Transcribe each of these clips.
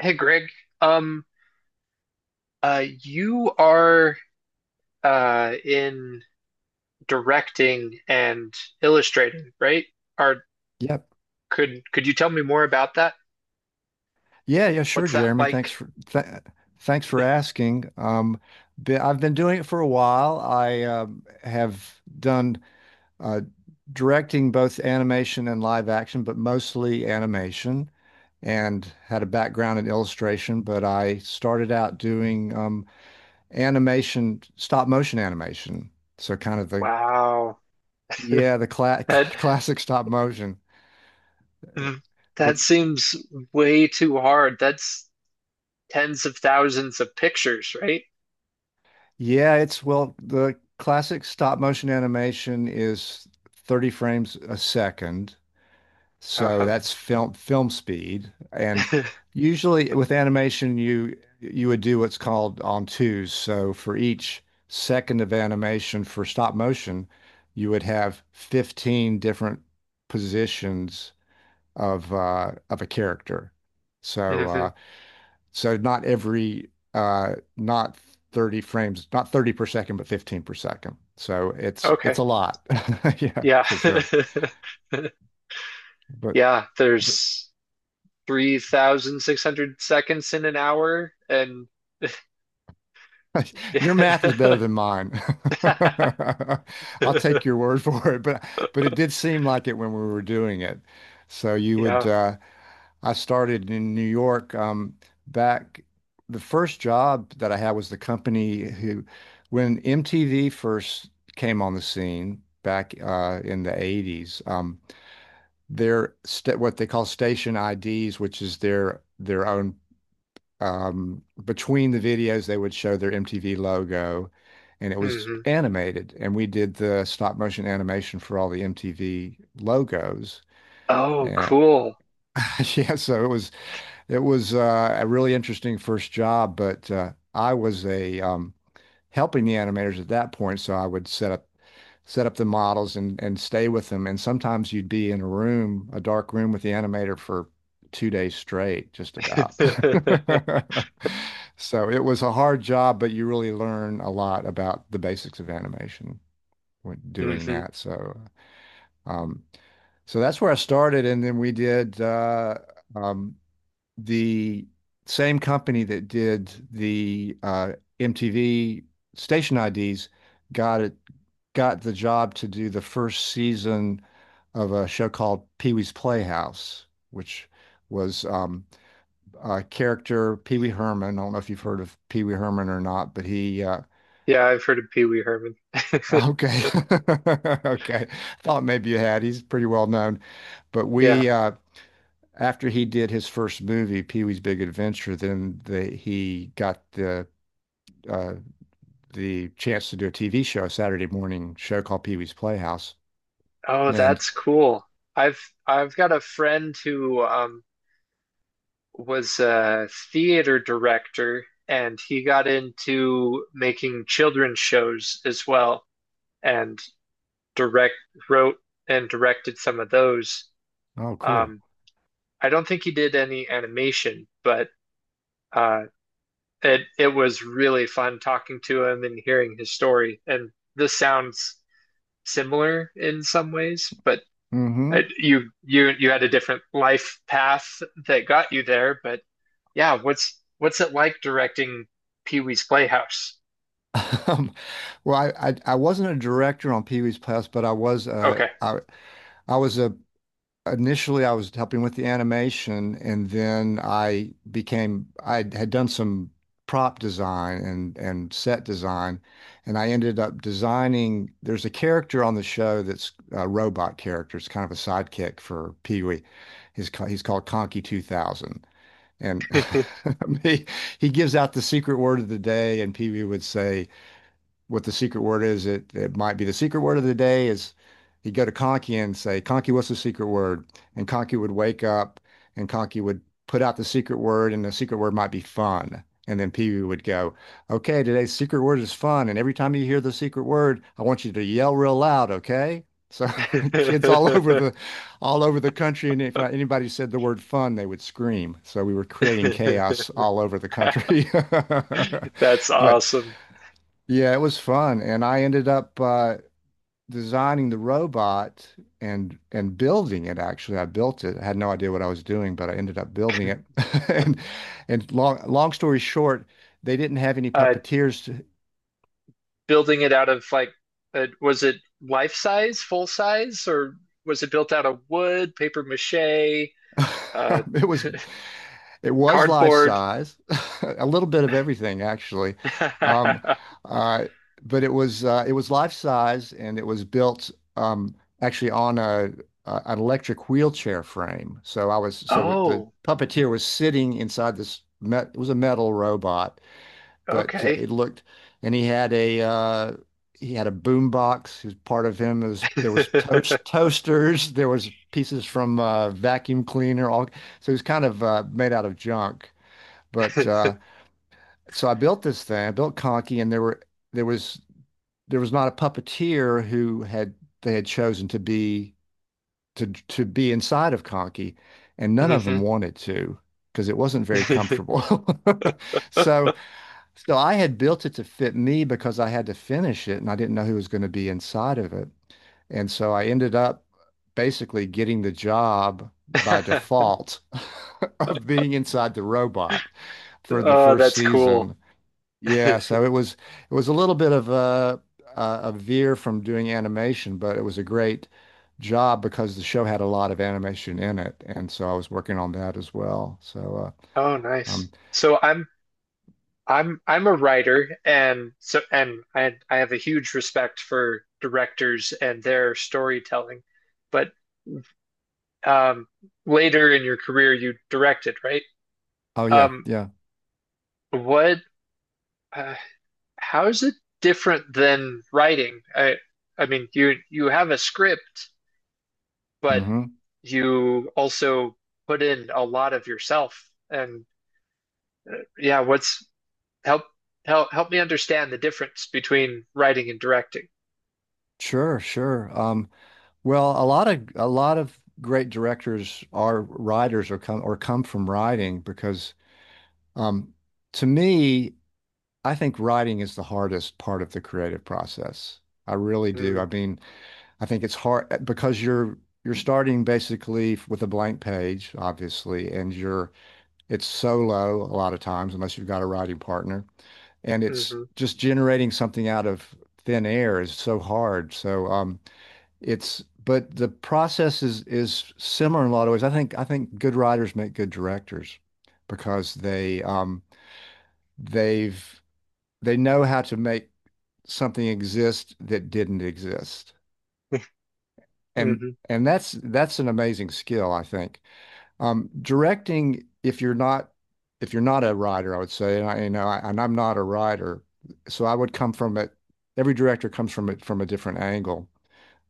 Hey Greg, um, you are in directing and illustrating, right? Or Yep. Could you tell me more about that? Yeah, yeah, sure, What's that Jeremy. Like? Thanks for asking. I've been doing it for a while. I have done uh, directing both animation and live action, but mostly animation, and had a background in illustration. But I started out doing animation, stop motion animation. So kind of the, Wow, yeah, the cla that classic stop motion. Eh, that which seems way too hard. That's tens of thousands of pictures, right? Yeah, it's well, the classic stop motion animation is 30 frames a second. So Uh-huh. that's film speed. And usually with animation you would do what's called on twos. So for each second of animation for stop motion, you would have 15 different positions of a character. So hmm not every, not 30 frames, not 30 per second, but 15 per second. So it's Okay. a lot. Yeah, Yeah. for sure. But, Yeah, but there's 3,600 seconds in an hour, and your math is better than mine. I'll take your word for it, but it did seem like it when we were doing it. So you would Yeah. I started in New York, back. The first job that I had was the company who, when MTV first came on the scene back, in the 80s. Their sta What they call station IDs, which is their own, between the videos, they would show their MTV logo, and it was hmm animated, and we did the stop motion animation for all the MTV logos. Oh, And cool. Yeah, so it was a really interesting first job, but, I was a helping the animators at that point. So I would set up the models, and stay with them. And sometimes you'd be in a room, a dark room with the animator for 2 days straight, just about. So it was a hard job, but you really learn a lot about the basics of animation when doing hmm that. Um, so that's where I started, and then we did um, the same company that did the, MTV station IDs got it got the job to do the first season of a show called Pee-wee's Playhouse, which was, a character, Pee-wee Herman. I don't know if you've heard of Pee-wee Herman or not, but he Yeah, I've heard of Pee-wee Herman. okay, okay, thought maybe you had. He's pretty well known, but Yeah. we. After he did his first movie, Pee-wee's Big Adventure, then, he got uh, the chance to do a TV show, a Saturday morning show called Pee Wee's Playhouse. Oh, And that's cool. I've I've got a friend who was a theater director, and he got into making children's shows as well and direct wrote and directed some of those. Oh, cool. Um I don't think he did any animation, but uh it was really fun talking to him and hearing his story. And this sounds similar in some ways, but Mm-hmm. You had a different life path that got you there. But yeah, what's it like directing Pee Wee's Playhouse? Um, well, I wasn't a director on Pee Wee's Playhouse, but I was, Okay. I was a initially I was helping with the animation. And then I had done some prop design and set design, and I ended up designing. There's a character on the show that's a robot character. It's kind of a sidekick for Pee-wee. He's called Conky 2000. And he he gives out the secret word of the day, and Pee-wee would say what the secret word is. It might be the secret word of the day is he'd go to Conky and say, "Conky, what's the secret word?" And Conky would wake up, and Conky would put out the secret word, and the secret word might be fun. And then Pee Wee would go, "Okay, today's secret word is fun. And every time you hear the secret word, I want you to yell real loud, okay?" So kids all over the country, and if, anybody said the word fun, they would scream. So we were creating chaos all over the country. That's But awesome. yeah, it was fun, and I ended up, designing the robot, and building it. Actually, I built it. I had no idea what I was doing, but I ended up building it. And and long story short, they didn't have any Uh, puppeteers. Building it out of, like, was it life size, full size, or was it built out of wood, paper mache? Uh, it was It was life cardboard. size, a little bit of everything, actually. Um, uh, but it was life size, and it was built, um, actually, on a an electric wheelchair frame. So the Oh, puppeteer was sitting inside it was a metal robot. But, okay. it looked, and he had a boom box. He, part of him. Is There was toasters. There was pieces from, vacuum cleaner. All So it was kind of, made out of junk. But, so I built this thing. I built Conky, and there was there was not a puppeteer who had, they had chosen to be, to be inside of Conky, and none of them Mhm. wanted to because it wasn't very comfortable. So so I had built it to fit me because I had to finish it, and I didn't know who was going to be inside of it. And so I ended up basically getting the job by default, of being inside the robot for the Oh, first that's cool. season. Yeah, so it was a little bit of a veer from doing animation, but it was a great job because the show had a lot of animation in it, and so I was working on that as well. So, Oh, uh, nice. um, So I'm a writer, and so and I have a huge respect for directors and their storytelling. But um later in your career you directed, right? oh yeah, Um yeah. what uh, how is it different than writing? I mean, you have a script, but Hmm. you also put in a lot of yourself. And yeah, what's help help me understand the difference between writing and directing. Sure, sure. Well, a lot of great directors are writers, or come from writing, because, um, to me, I think writing is the hardest part of the creative process. I really do. I Mm, mean, I think it's hard, because you're starting basically with a blank page, obviously, and you're it's solo a lot of times, unless you've got a writing partner, and it's mhm, just generating something out of thin air is so hard. So, it's but the process is similar in a lot of ways. I think good writers make good directors because they, they've they know how to make something exist that didn't exist. And mhm, and that's an amazing skill, I think. Directing, if you're not, a writer, I would say, and I, I, and I'm not a writer, so I would come from it. Every director comes from it from a different angle.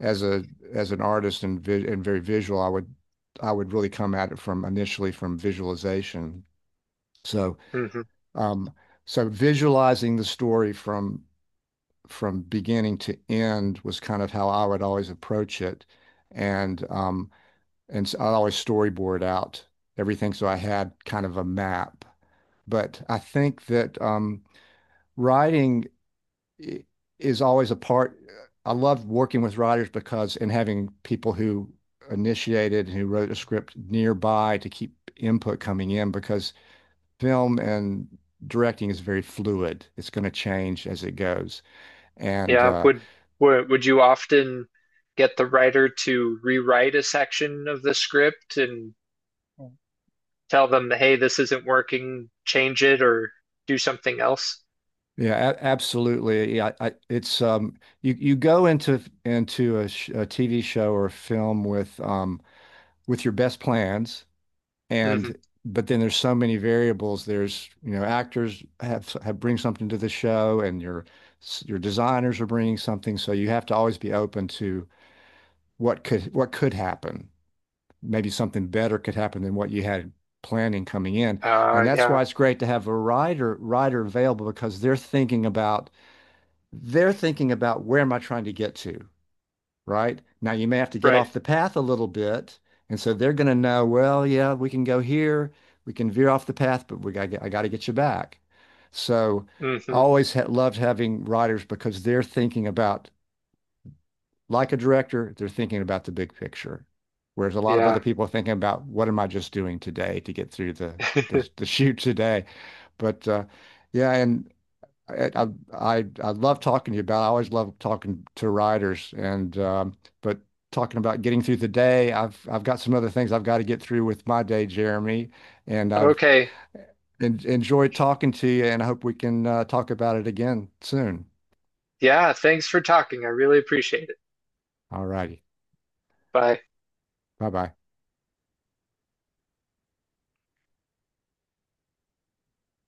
As a as an artist and, very visual, I would really come at it from, initially, from visualization. So, mhm. um, visualizing the story from beginning to end was kind of how I would always approach it, and, so I'd always storyboard out everything, so I had kind of a map. But I think that, writing is always a part. I love working with writers because, and having people who initiated and who wrote a script nearby to keep input coming in because film and directing is very fluid. It's going to change as it goes. And, Yeah, would you often get the writer to rewrite a section of the script and tell them, hey, this isn't working, change it, or do something else? yeah, a absolutely. Yeah, I, it's you go into a TV show or a film with, with your best plans, and hmm but then there's so many variables. There's, actors have bring something to the show, and your designers are bringing something. So you have to always be open to what could happen. Maybe something better could happen than what you had planning coming in. And that's yeah, why it's great to have a writer available because they're thinking about where am I trying to get to? Right? Now you may have to get right. off the path a little bit. And so they're going to know, well, yeah, we can go here, we can veer off the path, but, we got to get, I got to get you back. So I hmm always, ha loved having writers because they're thinking about, like a director, they're thinking about the big picture. Whereas a lot of other Yeah. people are thinking about what am I just doing today to get through the shoot today. But, yeah, and I, I I love talking to you about. I always love talking to riders, and, but talking about getting through the day, I've got some other things I've got to get through with my day, Jeremy, and I've, Okay. en enjoyed talking to you, and I hope we can, talk about it again soon. Yeah, thanks for talking. I really appreciate it. All righty, Bye. bye bye.